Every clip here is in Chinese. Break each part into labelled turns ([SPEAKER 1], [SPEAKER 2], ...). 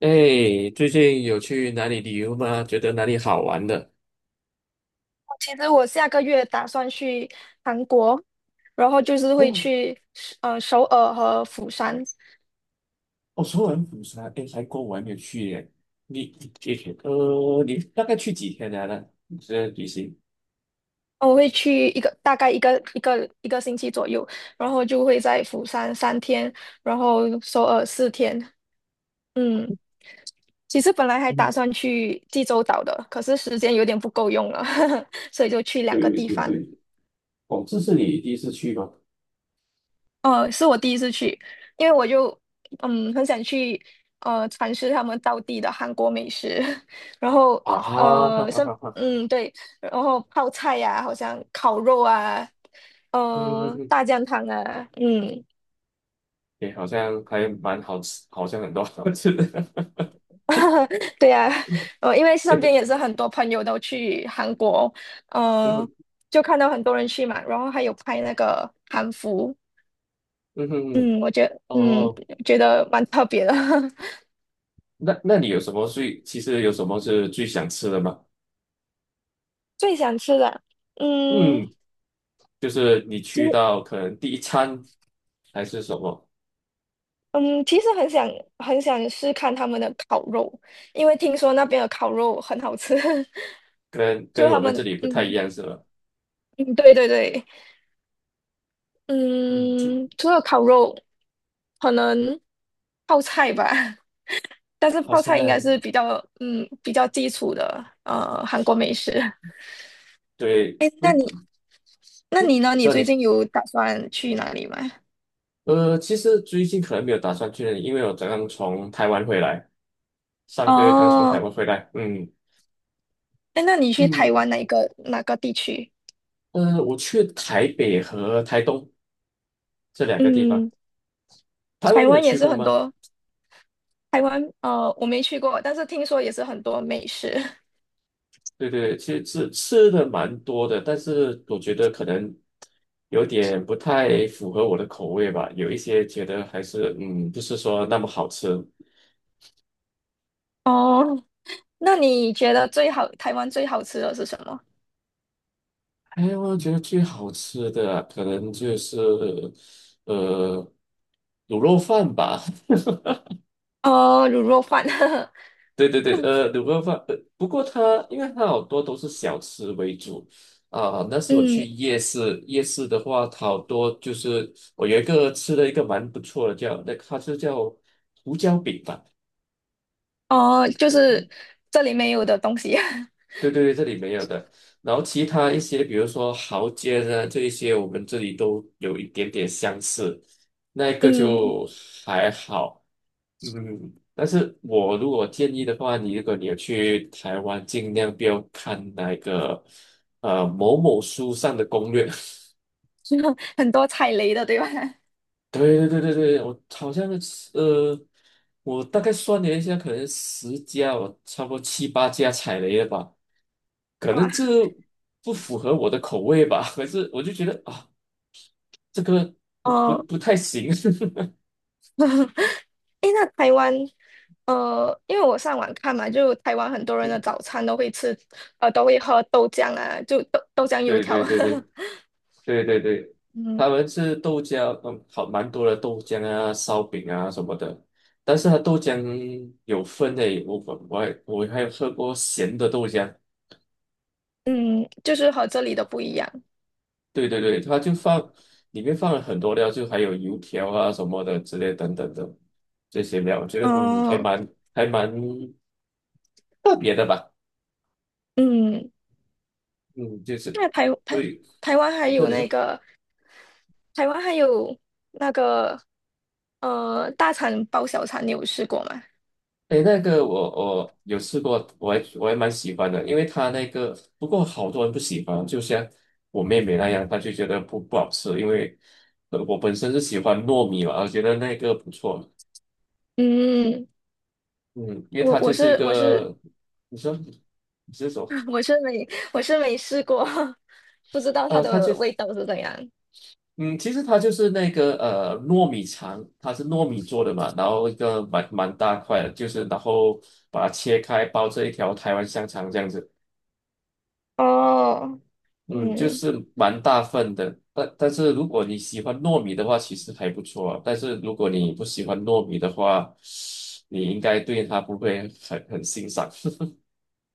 [SPEAKER 1] 哎，最近有去哪里旅游吗？觉得哪里好玩的？
[SPEAKER 2] 其实我下个月打算去韩国，然后就是会
[SPEAKER 1] 哦，
[SPEAKER 2] 去首尔和釜山。
[SPEAKER 1] 哦，首尔、釜山，哎，韩国我还没有去耶。你，你，你大概去几天来了？你这旅行？
[SPEAKER 2] 我会去大概一个星期左右，然后就会在釜山三天，然后首尔四天。嗯，其实本来还打
[SPEAKER 1] 嗯，
[SPEAKER 2] 算去济州岛的，可是时间有点不够用了，所以就去两个
[SPEAKER 1] 对
[SPEAKER 2] 地
[SPEAKER 1] 对
[SPEAKER 2] 方。
[SPEAKER 1] 对，哦，这是你第一次去吗？
[SPEAKER 2] 是我第一次去，因为我就嗯很想去尝试他们当地的韩国美食，然后
[SPEAKER 1] 啊，哈哈
[SPEAKER 2] 呃像
[SPEAKER 1] 哈哈，
[SPEAKER 2] 嗯对，然后泡菜呀、好像烤肉啊，
[SPEAKER 1] 嗯，嗯
[SPEAKER 2] 嗯
[SPEAKER 1] 嗯，
[SPEAKER 2] 大酱汤啊。嗯
[SPEAKER 1] 哎，好像还蛮好吃，好像很多好吃的。
[SPEAKER 2] 对呀、因为
[SPEAKER 1] 也
[SPEAKER 2] 身边
[SPEAKER 1] 不，
[SPEAKER 2] 也是很多朋友都去韩国，
[SPEAKER 1] 嗯
[SPEAKER 2] 呃
[SPEAKER 1] 哼
[SPEAKER 2] 就看到很多人去嘛，然后还有拍那个韩服。
[SPEAKER 1] 嗯哼嗯，
[SPEAKER 2] 我
[SPEAKER 1] 哦，
[SPEAKER 2] 觉得蛮特别的。
[SPEAKER 1] 那你有什么最，其实有什么是最想吃的吗？
[SPEAKER 2] 最想吃的。嗯，
[SPEAKER 1] 嗯，就是你
[SPEAKER 2] 其
[SPEAKER 1] 去
[SPEAKER 2] 实，
[SPEAKER 1] 到可能第一餐还是什么，
[SPEAKER 2] 嗯，其实很想试看他们的烤肉，因为听说那边的烤肉很好吃。
[SPEAKER 1] 跟
[SPEAKER 2] 就
[SPEAKER 1] 跟我
[SPEAKER 2] 他
[SPEAKER 1] 们
[SPEAKER 2] 们，
[SPEAKER 1] 这里不太一
[SPEAKER 2] 嗯
[SPEAKER 1] 样是吧？
[SPEAKER 2] 嗯，对对对。
[SPEAKER 1] 嗯，这
[SPEAKER 2] 嗯，除了烤肉，可能泡菜吧。但
[SPEAKER 1] 哦
[SPEAKER 2] 是
[SPEAKER 1] 好
[SPEAKER 2] 泡
[SPEAKER 1] 像
[SPEAKER 2] 菜应该是比较，嗯，比较基础的韩国美食。
[SPEAKER 1] 对，
[SPEAKER 2] 哎，那
[SPEAKER 1] 如
[SPEAKER 2] 你呢？
[SPEAKER 1] 你
[SPEAKER 2] 你
[SPEAKER 1] 说你
[SPEAKER 2] 最近有打算去哪里吗？
[SPEAKER 1] 其实最近可能没有打算去那里，因为我刚刚从台湾回来，上个月刚从台
[SPEAKER 2] 哦，
[SPEAKER 1] 湾回来，嗯
[SPEAKER 2] 哎，那你去台
[SPEAKER 1] 嗯
[SPEAKER 2] 湾哪个地区？
[SPEAKER 1] 我去台北和台东这两个地方，
[SPEAKER 2] 嗯，
[SPEAKER 1] 台湾
[SPEAKER 2] 台
[SPEAKER 1] 你有
[SPEAKER 2] 湾也
[SPEAKER 1] 去
[SPEAKER 2] 是
[SPEAKER 1] 过
[SPEAKER 2] 很
[SPEAKER 1] 吗？
[SPEAKER 2] 多。台湾，我没去过，但是听说也是很多美食。
[SPEAKER 1] 对对，其实吃吃的蛮多的，但是我觉得可能有点不太符合我的口味吧。有一些觉得还是不是说那么好吃。
[SPEAKER 2] 哦，那你觉得台湾最好吃的是什么？
[SPEAKER 1] 哎，我觉得最好吃的啊可能就是呃卤肉饭吧。
[SPEAKER 2] 哦，卤肉饭。
[SPEAKER 1] 对对对，卤肉饭，不过它因为它好多都是小吃为主啊、那时我
[SPEAKER 2] 嗯，
[SPEAKER 1] 去夜市，夜市的话，它好多就是我有一个吃了一个蛮不错的叫，那它是叫胡椒饼吧？
[SPEAKER 2] 哦，就是这里没有的东西。
[SPEAKER 1] 对对对，这里没有的。然后其他一些，比如说蚝煎啊，这一些我们这里都有一点点相似，那一个
[SPEAKER 2] 嗯，
[SPEAKER 1] 就还好。嗯，但是我如果建议的话，你如果你有去台湾，尽量不要看那个某某书上的攻略。
[SPEAKER 2] 很多踩雷的，对吧？
[SPEAKER 1] 对对对对对，我好像是呃，我大概算了一下，可能十家，我差不多七八家踩雷了吧，可能
[SPEAKER 2] 哇
[SPEAKER 1] 这不符合我的口味吧。可是我就觉得啊，这个 不不
[SPEAKER 2] 哦，
[SPEAKER 1] 不太行。
[SPEAKER 2] 诶，那台湾，因为我上网看嘛，就台湾很多人的早餐都会吃，都会喝豆浆啊，就豆浆油
[SPEAKER 1] 对
[SPEAKER 2] 条。
[SPEAKER 1] 对对对。对对对，
[SPEAKER 2] 嗯
[SPEAKER 1] 他们是豆浆，嗯，好蛮多的豆浆啊、烧饼啊什么的。但是它豆浆有分诶，我还有喝过咸的豆浆。
[SPEAKER 2] 嗯，就是和这里的不一样。
[SPEAKER 1] 对对对，它就放里面放了很多料，就还有油条啊什么的之类等等的这些料，我觉得还
[SPEAKER 2] 哦，
[SPEAKER 1] 蛮还蛮特别的吧。
[SPEAKER 2] 嗯。
[SPEAKER 1] 嗯，就是
[SPEAKER 2] 那
[SPEAKER 1] 对，
[SPEAKER 2] 台湾还有
[SPEAKER 1] 你说。
[SPEAKER 2] 那个台湾还有那个大肠包小肠，你有试过吗？
[SPEAKER 1] 诶，那个我有试过，我还蛮喜欢的，因为它那个不过好多人不喜欢，就像我妹妹那样，她就觉得不好吃，因为我本身是喜欢糯米嘛，我觉得那个不错，
[SPEAKER 2] 嗯，
[SPEAKER 1] 嗯，因为
[SPEAKER 2] 我
[SPEAKER 1] 它就
[SPEAKER 2] 我
[SPEAKER 1] 是一
[SPEAKER 2] 是我是
[SPEAKER 1] 个，你说你是说
[SPEAKER 2] 我是没我是没试过，不知道它
[SPEAKER 1] 呃，它就
[SPEAKER 2] 的味道是怎样。
[SPEAKER 1] 嗯，其实它就是那个糯米肠，它是糯米做的嘛，然后一个蛮大块的，就是然后把它切开，包着一条台湾香肠这样子。
[SPEAKER 2] 哦，
[SPEAKER 1] 嗯，就
[SPEAKER 2] 嗯，
[SPEAKER 1] 是蛮大份的，但是如果你喜欢糯米的话，其实还不错啊但是如果你不喜欢糯米的话，你应该对它不会很欣赏。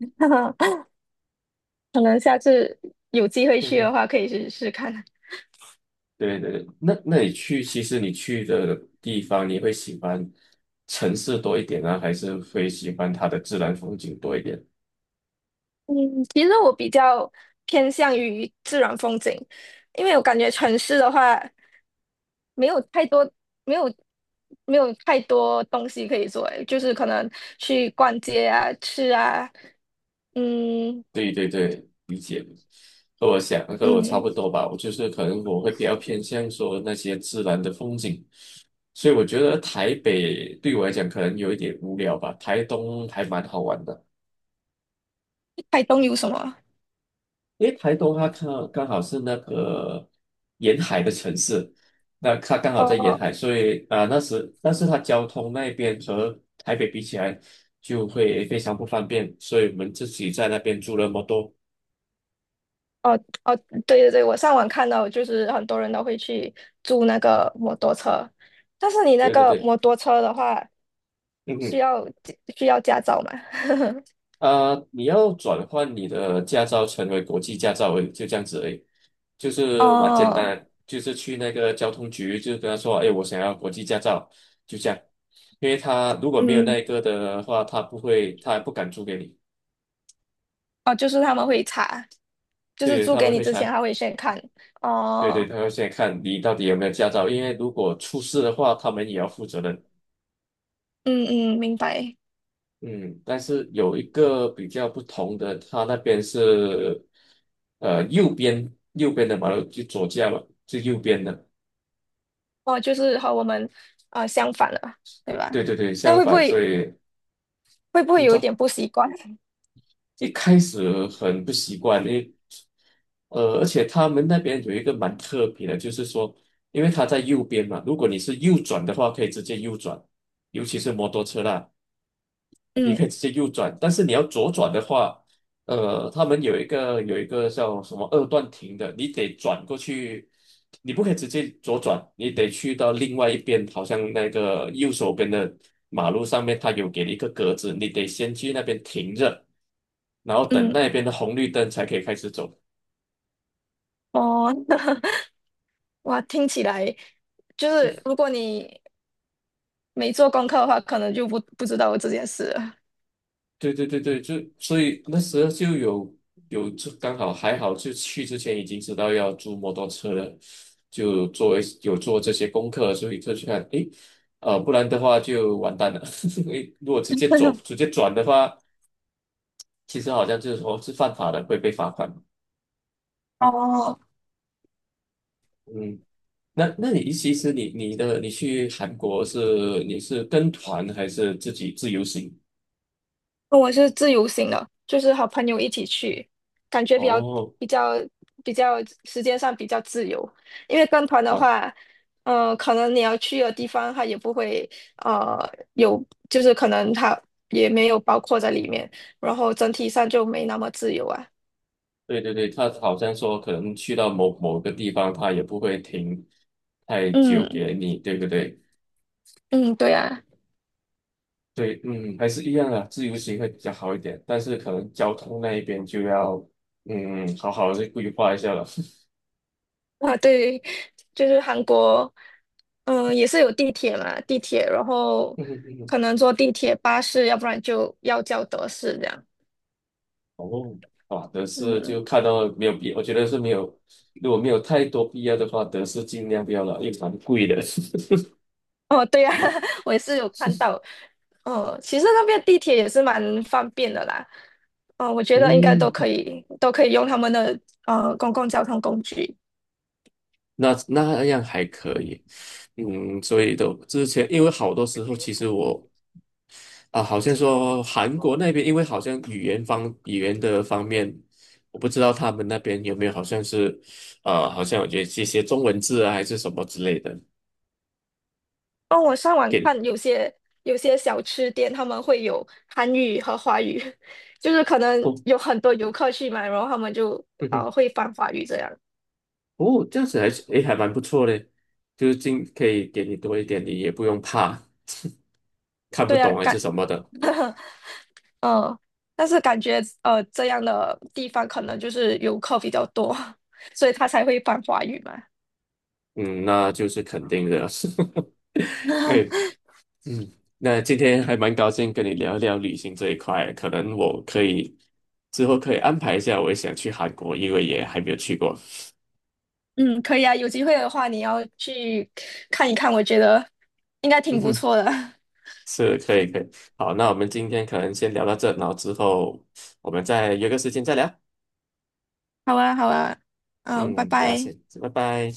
[SPEAKER 2] 可能下次有机会去的话，可以试试看。
[SPEAKER 1] 对对对，那你去，其实你去的地方，你会喜欢城市多一点呢，还是会喜欢它的自然风景多一点？
[SPEAKER 2] 嗯，其实我比较偏向于自然风景，因为我感觉城市的话没有太多，没有没有太多东西可以做，诶就是可能去逛街啊、吃啊。嗯
[SPEAKER 1] 对对对，理解。和我差
[SPEAKER 2] 嗯，
[SPEAKER 1] 不多吧，我就是可能我会比较偏向说那些自然的风景，所以我觉得台北对我来讲可能有一点无聊吧，台东还蛮好玩的，
[SPEAKER 2] 台东有什么？
[SPEAKER 1] 因为台东它刚刚好是那个沿海的城市，那它刚好在沿
[SPEAKER 2] 哦
[SPEAKER 1] 海，所以啊、呃那时但是它交通那边和台北比起来就会非常不方便，所以我们自己在那边住那么多，
[SPEAKER 2] 哦哦，对对对，我上网看到，就是很多人都会去租那个摩托车，但是你那
[SPEAKER 1] 对对
[SPEAKER 2] 个
[SPEAKER 1] 对，
[SPEAKER 2] 摩托车的话，
[SPEAKER 1] 嗯
[SPEAKER 2] 需
[SPEAKER 1] 哼。
[SPEAKER 2] 要需要驾照吗？
[SPEAKER 1] 你要转换你的驾照成为国际驾照而已就这样子而已，就 是蛮简
[SPEAKER 2] 哦，
[SPEAKER 1] 单的就是去那个交通局，就跟他说，哎，我想要国际驾照，就这样。因为他如果没有
[SPEAKER 2] 嗯，
[SPEAKER 1] 那个的话，他不会，他不敢租给你，
[SPEAKER 2] 哦，就是他们会查，就是
[SPEAKER 1] 对，
[SPEAKER 2] 租
[SPEAKER 1] 他
[SPEAKER 2] 给
[SPEAKER 1] 们
[SPEAKER 2] 你
[SPEAKER 1] 会
[SPEAKER 2] 之前
[SPEAKER 1] 查，
[SPEAKER 2] 他会先看。
[SPEAKER 1] 对对，
[SPEAKER 2] 哦，
[SPEAKER 1] 他会先看你到底有没有驾照，因为如果出事的话，他们也要负责任。
[SPEAKER 2] 嗯嗯，明白。
[SPEAKER 1] 嗯，但是有一个比较不同的，他那边是，右边的马路就左驾嘛，是右边的，
[SPEAKER 2] 哦，就是和我们相反了，对吧？
[SPEAKER 1] 对对对，
[SPEAKER 2] 那
[SPEAKER 1] 相
[SPEAKER 2] 会不
[SPEAKER 1] 反，所
[SPEAKER 2] 会
[SPEAKER 1] 以
[SPEAKER 2] 会不会
[SPEAKER 1] 你知
[SPEAKER 2] 有一
[SPEAKER 1] 道
[SPEAKER 2] 点不习惯？
[SPEAKER 1] 一开始很不习惯，因为而且他们那边有一个蛮特别的，就是说，因为他在右边嘛，如果你是右转的话，可以直接右转，尤其是摩托车啦。你
[SPEAKER 2] 嗯
[SPEAKER 1] 可以直接右转，但是你要左转的话，他们有一个叫什么二段停的，你得转过去，你不可以直接左转，你得去到另外一边，好像那个右手边的马路上面，它有给你一个格子，你得先去那边停着，然后等那
[SPEAKER 2] 嗯，
[SPEAKER 1] 边的红绿灯才可以开始走。
[SPEAKER 2] 哦，哇，听起来就是如果你没做功课的话，可能就不知道有这件事了。
[SPEAKER 1] 对对对对，就所以那时候就有有就刚好还好，就去之前已经知道要租摩托车了，就做一有做这些功课，所以就去看，诶，不然的话就完蛋了。因为如果直 接转的话，其实好像就是说是犯法的，会被罚款。
[SPEAKER 2] 哦，
[SPEAKER 1] 嗯，那你其实你去韩国是你是跟团还是自己自由行？
[SPEAKER 2] 我是自由行的，就是和朋友一起去，感觉
[SPEAKER 1] 哦，
[SPEAKER 2] 比较比较时间上比较自由。因为跟团的
[SPEAKER 1] 啊。
[SPEAKER 2] 话，可能你要去的地方它也不会呃有，就是可能它也没有包括在里面，然后整体上就没那么自由啊。
[SPEAKER 1] 对对对，他好像说可能去到某某个地方，他也不会停太久
[SPEAKER 2] 嗯
[SPEAKER 1] 给你，对不对？
[SPEAKER 2] 嗯，对啊，
[SPEAKER 1] 对，嗯，还是一样的，自由行会比较好一点，但是可能交通那一边就要，嗯，好好的规划一下了。
[SPEAKER 2] 啊对，就是韩国，嗯、也是有地铁嘛，地铁，然后
[SPEAKER 1] 嗯嗯嗯，
[SPEAKER 2] 可能坐地铁、巴士，要不然就要叫德士这样。
[SPEAKER 1] 哦，啊，德士就
[SPEAKER 2] 嗯。
[SPEAKER 1] 看到没有必，我觉得是没有，如果没有太多必要的话，德士尽量不要了，因为蛮贵的。
[SPEAKER 2] 哦，对呀、啊 我也是有看到。哦，其实那边地铁也是蛮方便的啦。哦，我 觉得应该都可
[SPEAKER 1] 嗯，
[SPEAKER 2] 以，都可以用他们的公共交通工具。
[SPEAKER 1] 那那样还可以，嗯，所以都之前因为好多时候其实我啊，好像说韩国那边，因为好像语言的方面，我不知道他们那边有没有好像是，好像有些这些中文字啊，还是什么之类的。
[SPEAKER 2] 哦，我上网
[SPEAKER 1] 给
[SPEAKER 2] 看有些小吃店他们会有韩语和华语，就是可能
[SPEAKER 1] 哦，
[SPEAKER 2] 有很多游客去买，然后他们就
[SPEAKER 1] 嗯
[SPEAKER 2] 会翻华语这样。
[SPEAKER 1] 哼哦，这样子还是诶，还蛮不错的，就是尽可以给你多一点，你也不用怕 看不
[SPEAKER 2] 对啊，
[SPEAKER 1] 懂还是
[SPEAKER 2] 感，
[SPEAKER 1] 什么的。
[SPEAKER 2] 嗯，但是感觉这样的地方可能就是游客比较多，所以他才会翻华语嘛。
[SPEAKER 1] 嗯，那就是肯定的。哎，嗯，那今天还蛮高兴跟你聊一聊旅行这一块，可能我可以之后可以安排一下，我也想去韩国，因为也还没有去过。
[SPEAKER 2] 嗯，可以啊，有机会的话你要去看一看，我觉得应该
[SPEAKER 1] 嗯
[SPEAKER 2] 挺不
[SPEAKER 1] 哼，
[SPEAKER 2] 错的。
[SPEAKER 1] 是可以。好，那我们今天可能先聊到这，然后之后我们再约个时间再聊。
[SPEAKER 2] 好啊，好啊，嗯，拜
[SPEAKER 1] 嗯，那
[SPEAKER 2] 拜。
[SPEAKER 1] 先，拜拜。